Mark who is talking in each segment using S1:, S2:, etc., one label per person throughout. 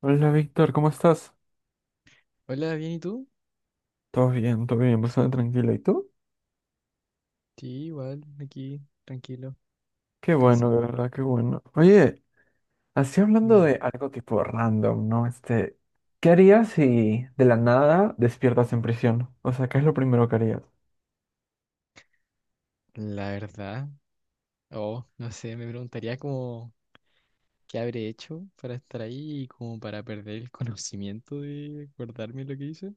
S1: Hola Víctor, ¿cómo estás?
S2: Hola, ¿bien y tú?
S1: Todo bien, bastante tranquilo. ¿Y tú?
S2: Sí, igual, aquí, tranquilo,
S1: Qué bueno, de
S2: descansando.
S1: verdad, qué bueno. Oye, así hablando
S2: Dime.
S1: de algo tipo random, ¿no? ¿Qué harías si de la nada despiertas en prisión? O sea, ¿qué es lo primero que harías?
S2: La verdad, oh, no sé, me preguntaría como qué habré hecho para estar ahí y como para perder el conocimiento de acordarme lo que hice.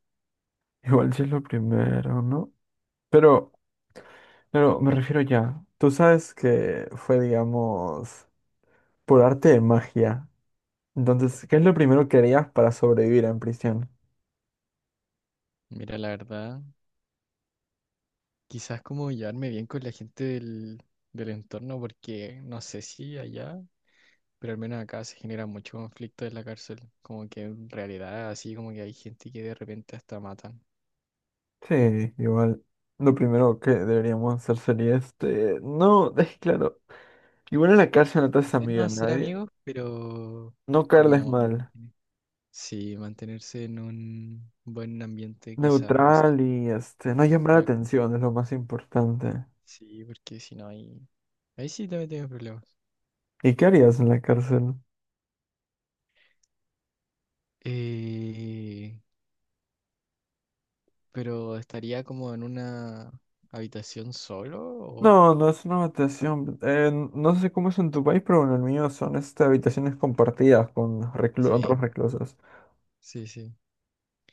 S1: Igual si es lo primero, ¿no? Pero, pero me refiero ya. Tú sabes que fue, digamos, por arte de magia. Entonces, ¿qué es lo primero que harías para sobrevivir en prisión?
S2: Mira, la verdad, quizás como llevarme bien con la gente del entorno, porque no sé si allá, pero al menos acá se genera mucho conflicto en la cárcel. Como que en realidad, así como que hay gente que de repente hasta matan.
S1: Sí, igual. Lo primero que deberíamos hacer sería. No, es claro. Igual en la cárcel no te haces
S2: Quizás no
S1: amigo de
S2: hacer
S1: nadie.
S2: amigos, pero
S1: No caerles
S2: como
S1: mal.
S2: sí, mantenerse en un buen ambiente quizás, o sea,
S1: Neutral. No llamar la
S2: otra-
S1: atención es lo más importante.
S2: sí, porque si no hay, ahí sí también tengo problemas.
S1: ¿Y qué harías en la cárcel?
S2: Eh, pero estaría como en una habitación solo o
S1: No, no es una habitación. No sé cómo es en tu país, pero en el mío son habitaciones compartidas con los otros
S2: sí,
S1: reclusos.
S2: sí.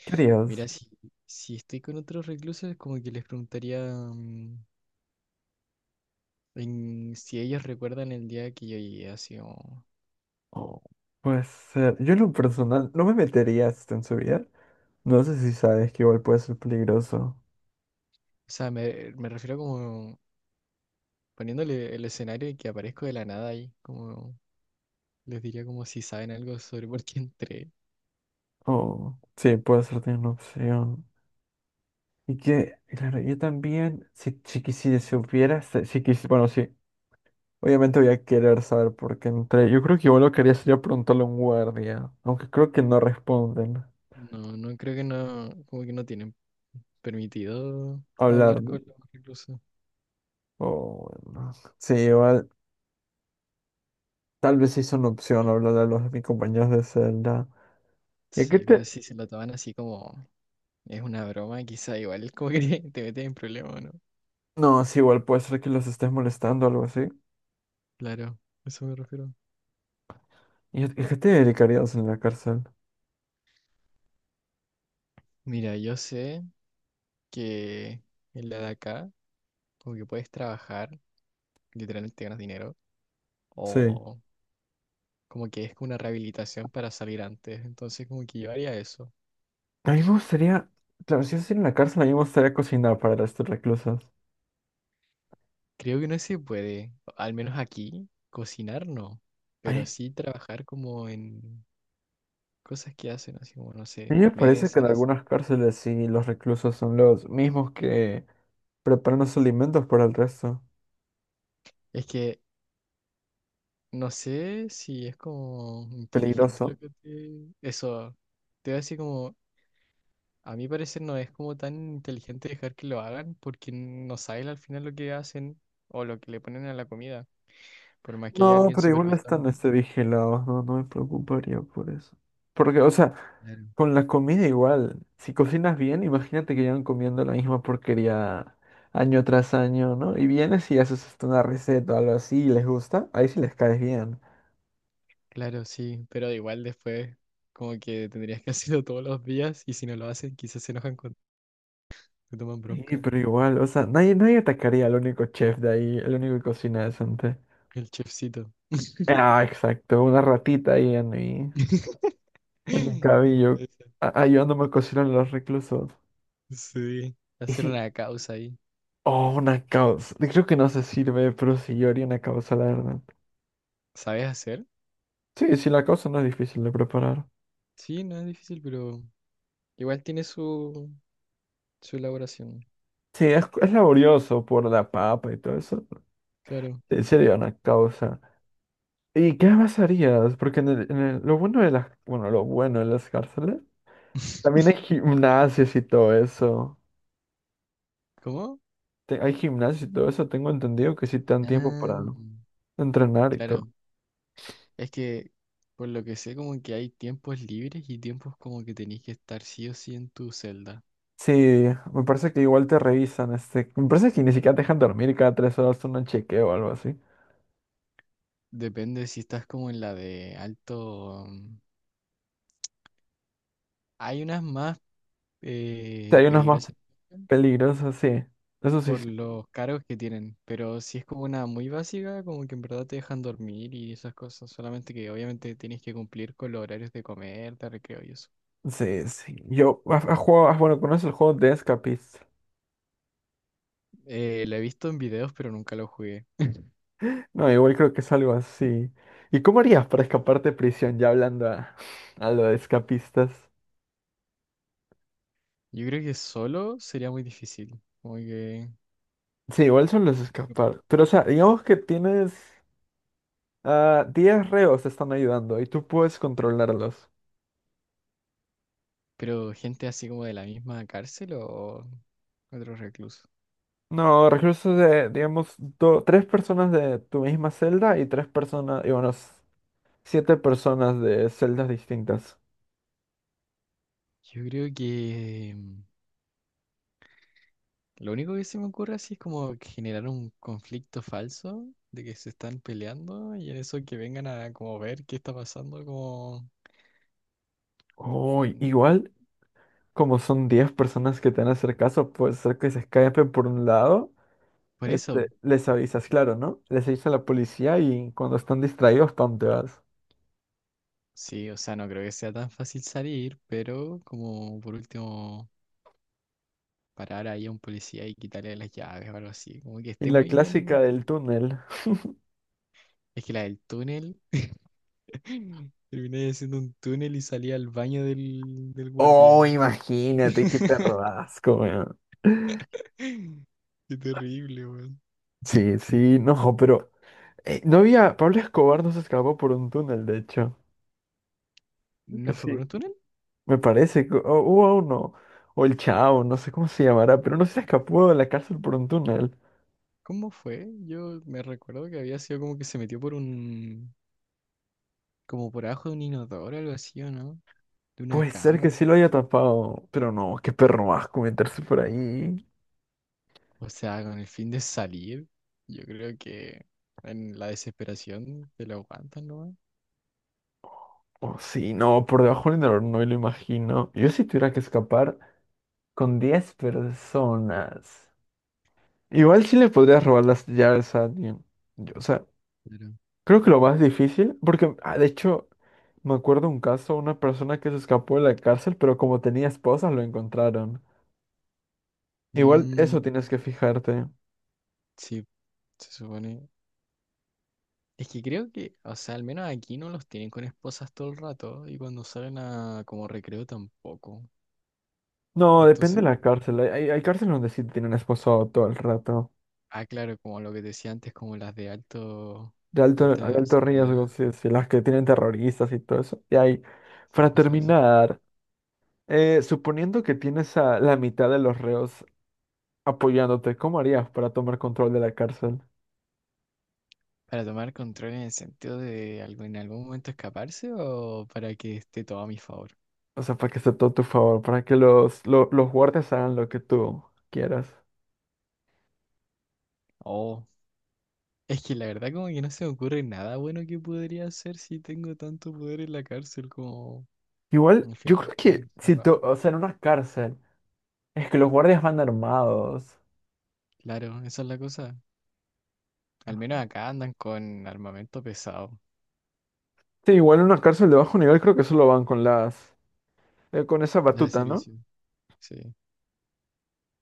S1: ¿Qué harías?
S2: Mira, si estoy con otros reclusos, como que les preguntaría mm, si ellos recuerdan el día que yo llegué así como...
S1: Oh, pues yo en lo personal no me metería en su vida. No sé si sabes que igual puede ser peligroso.
S2: O sea, me refiero como poniéndole el escenario y que aparezco de la nada ahí, como les diría como si saben algo sobre por qué entré.
S1: Oh, sí, puede ser también una opción. Y que, claro, yo también, si quisiera, si hubiera, si, bueno, sí, obviamente voy a querer saber por qué entré. Yo creo que igual lo quería sería preguntarle a un guardia, aunque creo que no responden.
S2: No, no creo que no, como que no tienen permitido
S1: Hablar,
S2: hablar
S1: ¿no?
S2: con los reclusos.
S1: Oh, bueno. Sí, igual, tal vez sí es una opción hablar a los de mis compañeros de celda. ¿Y a qué
S2: Sí,
S1: te...?
S2: pero si se lo toman así como es una broma, quizá igual como que te metes en problemas, ¿no?
S1: No, sí, igual puede ser que los estés molestando o algo así.
S2: Claro, a eso me refiero.
S1: ¿Y a qué te dedicarías en la cárcel?
S2: Mira, yo sé que en la de acá, como que puedes trabajar, literalmente ganas dinero,
S1: Sí.
S2: o como que es una rehabilitación para salir antes, entonces como que yo haría eso.
S1: A mí me gustaría, claro, si yo estoy en la cárcel, a mí me gustaría cocinar para los reclusos.
S2: Creo que no se puede, al menos aquí, cocinar no,
S1: A
S2: pero
S1: mí
S2: sí trabajar como en cosas que hacen, así como, no
S1: a mí
S2: sé,
S1: me parece que en
S2: mesas.
S1: algunas cárceles sí los reclusos son los mismos que preparan los alimentos para el resto.
S2: Es que no sé si es como inteligente lo
S1: Peligroso.
S2: que te... Eso, te voy a decir como, a mi parecer no es como tan inteligente dejar que lo hagan porque no sabes al final lo que hacen o lo que le ponen a la comida, por más que haya
S1: No,
S2: alguien
S1: pero igual están
S2: supervisando.
S1: vigilados, no, no me preocuparía por eso. Porque, o sea,
S2: Claro.
S1: con la comida igual, si cocinas bien, imagínate que llevan comiendo la misma porquería año tras año, ¿no? Y vienes y haces hasta una receta o algo así y les gusta, ahí sí les caes bien.
S2: Claro, sí, pero igual después como que tendrías que hacerlo todos los días y si no lo hacen quizás se enojan cuando te toman
S1: Sí,
S2: bronca.
S1: pero igual, o sea, nadie, nadie atacaría al único chef de ahí, el único que cocina decente.
S2: El chefcito.
S1: Ah, exacto, una ratita ahí en mi, en mi
S2: En mi
S1: cabello,
S2: cabeza.
S1: ayudándome a cocinar a los reclusos.
S2: Sí,
S1: Y
S2: hacer
S1: sí,
S2: una causa ahí.
S1: oh, una causa. Creo que no se sirve, pero sí, yo haría una causa, la verdad.
S2: ¿Sabes hacer?
S1: Sí, sí, la causa no es difícil de preparar.
S2: Sí, no es difícil, pero igual tiene su elaboración.
S1: Sí, es laborioso por la papa y todo eso.
S2: Claro.
S1: Sí, sería una causa. ¿Y qué más harías? Porque lo bueno de las cárceles, también hay gimnasios y todo eso.
S2: ¿Cómo?
S1: Hay gimnasio y todo eso, tengo entendido que sí te dan tiempo
S2: Ah,
S1: para entrenar y todo.
S2: claro. Es que por lo que sé como que hay tiempos libres y tiempos como que tenés que estar sí o sí en tu celda.
S1: Sí, me parece que igual te revisan, me parece que ni siquiera te dejan dormir y cada 3 horas un chequeo o algo así. O
S2: Depende si estás como en la de alto. Hay unas más
S1: sea, hay unos más
S2: peligrosas
S1: peligrosos, sí. Eso sí, sí,
S2: por los cargos que tienen, pero si es como una muy básica, como que en verdad te dejan dormir y esas cosas, solamente que obviamente tienes que cumplir con los horarios de comer, de recreo y eso.
S1: sí. Sí. Yo, bueno, conoces el juego de Escapist?
S2: Lo he visto en videos, pero nunca lo jugué.
S1: No, igual creo que es algo así. ¿Y cómo harías para escaparte de prisión? Ya hablando a lo de escapistas.
S2: Yo creo que solo sería muy difícil, como que...
S1: Sí, igual son los escapar. Pero, o sea, digamos que tienes. Ah, 10 reos están ayudando y tú puedes controlarlos.
S2: Pero gente así como de la misma cárcel o otro recluso.
S1: No, reclusos de, digamos, tres personas de tu misma celda y tres personas, siete personas de celdas distintas.
S2: Yo creo que... Lo único que se me ocurre así es como generar un conflicto falso de que se están peleando y en eso que vengan a como ver qué está pasando, como...
S1: Oh,
S2: mm,
S1: igual, como son 10 personas que te van a hacer caso, puede ser que se escapen por un lado.
S2: Por
S1: Este,
S2: eso,
S1: les avisas, claro, ¿no? Les avisas a la policía y cuando están distraídos, pam, te vas.
S2: sí, o sea, no creo que sea tan fácil salir, pero como por último parar ahí a un policía y quitarle las llaves o algo así, como que
S1: Y
S2: esté
S1: la
S2: muy bien.
S1: clásica del túnel.
S2: Es que la del túnel, terminé haciendo un túnel y salí al baño del guardia.
S1: Oh, imagínate, qué perro asco, weón.
S2: Qué terrible, weón.
S1: Sí, sí, no, pero Pablo Escobar no se escapó por un túnel, de hecho. Que
S2: ¿No fue
S1: sí,
S2: por un túnel?
S1: me parece que hubo uno, o el Chao, no sé cómo se llamará, pero no se escapó de la cárcel por un túnel.
S2: ¿Cómo fue? Yo me recuerdo que había sido como que se metió por un, como por abajo de un inodoro o algo así, ¿o no? De una
S1: Puede ser
S2: cama,
S1: que sí
S2: creo.
S1: lo haya tapado, pero no, qué perro asco meterse por ahí.
S2: O sea, con el fin de salir, yo creo que en la desesperación te lo aguantan, ¿no?
S1: O sí, no, por debajo del inodoro no me lo imagino. Yo si tuviera que escapar con 10 personas. Igual sí le podrías robar las llaves a alguien. Yo, o sea,
S2: Claro.
S1: creo que lo más difícil, porque ah, de hecho me acuerdo un caso, una persona que se escapó de la cárcel, pero como tenía esposa, lo encontraron. Igual
S2: Mm,
S1: eso tienes que fijarte.
S2: sí, se supone. Es que creo que, o sea, al menos aquí no los tienen con esposas todo el rato y cuando salen a como recreo tampoco.
S1: No, depende
S2: Entonces,
S1: de
S2: pues,
S1: la cárcel. Hay cárceles donde sí tienen esposado todo el rato.
S2: ah, claro, como lo que decía antes, como las de alto,
S1: De alto, de
S2: alta
S1: alto riesgo,
S2: seguridad.
S1: sí, sí, las que tienen terroristas y todo eso. Y hay,
S2: Sí,
S1: para
S2: cosas así.
S1: terminar, suponiendo que tienes a la mitad de los reos apoyándote, ¿cómo harías para tomar control de la cárcel?
S2: ¿Para tomar control en el sentido de algo, en algún momento escaparse o para que esté todo a mi favor?
S1: O sea, para que esté todo a tu favor, para que los guardias hagan lo que tú quieras.
S2: Oh, es que la verdad como que no se me ocurre nada bueno que podría hacer si tengo tanto poder en la cárcel como
S1: Igual,
S2: al
S1: yo
S2: final
S1: creo
S2: está
S1: que si tú,
S2: encerrado.
S1: o sea, en una cárcel, es que los guardias van armados.
S2: Claro, esa es la cosa. Al menos acá andan con armamento pesado,
S1: Sí, igual en una cárcel de bajo nivel creo que solo van con esa
S2: las de
S1: batuta, ¿no?
S2: servicio, sí.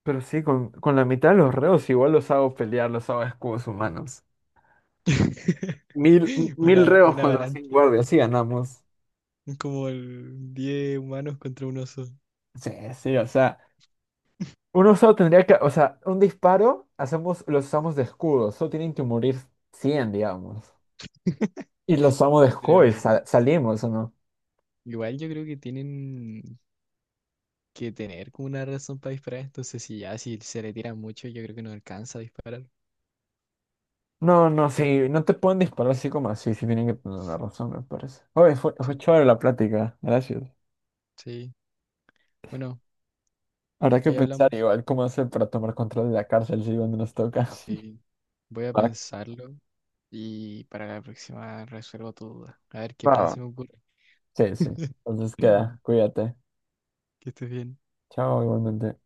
S1: Pero sí, con la mitad de los reos igual los hago pelear, los hago escudos humanos. Mil reos
S2: Una
S1: contra 100
S2: avalancha,
S1: guardias, sí ganamos.
S2: como el 10 humanos contra un oso.
S1: Sí, sí, o sea, uno solo tendría que, o sea, un disparo, hacemos, los usamos de escudo, solo tienen que morir 100 digamos. Y los amo de Joy,
S2: Pero
S1: salimos o no.
S2: igual yo creo que tienen que tener como una razón para disparar. Entonces, si ya si se le tira mucho, yo creo que no alcanza a disparar.
S1: No, no,
S2: Pues
S1: sí, no te pueden disparar así como así, sí tienen que tener una razón, me parece. Oye, fue,
S2: sí,
S1: fue chévere la plática, gracias.
S2: sí. Bueno,
S1: Habrá que
S2: ahí
S1: pensar
S2: hablamos.
S1: igual cómo hacer para tomar control de la cárcel si cuando nos toca.
S2: Sí, voy a pensarlo y para la próxima resuelvo tu duda. A ver qué
S1: Va,
S2: plan
S1: va.
S2: se me ocurre.
S1: Sí, sí. Entonces queda, cuídate.
S2: Que estés bien.
S1: Chao, igualmente.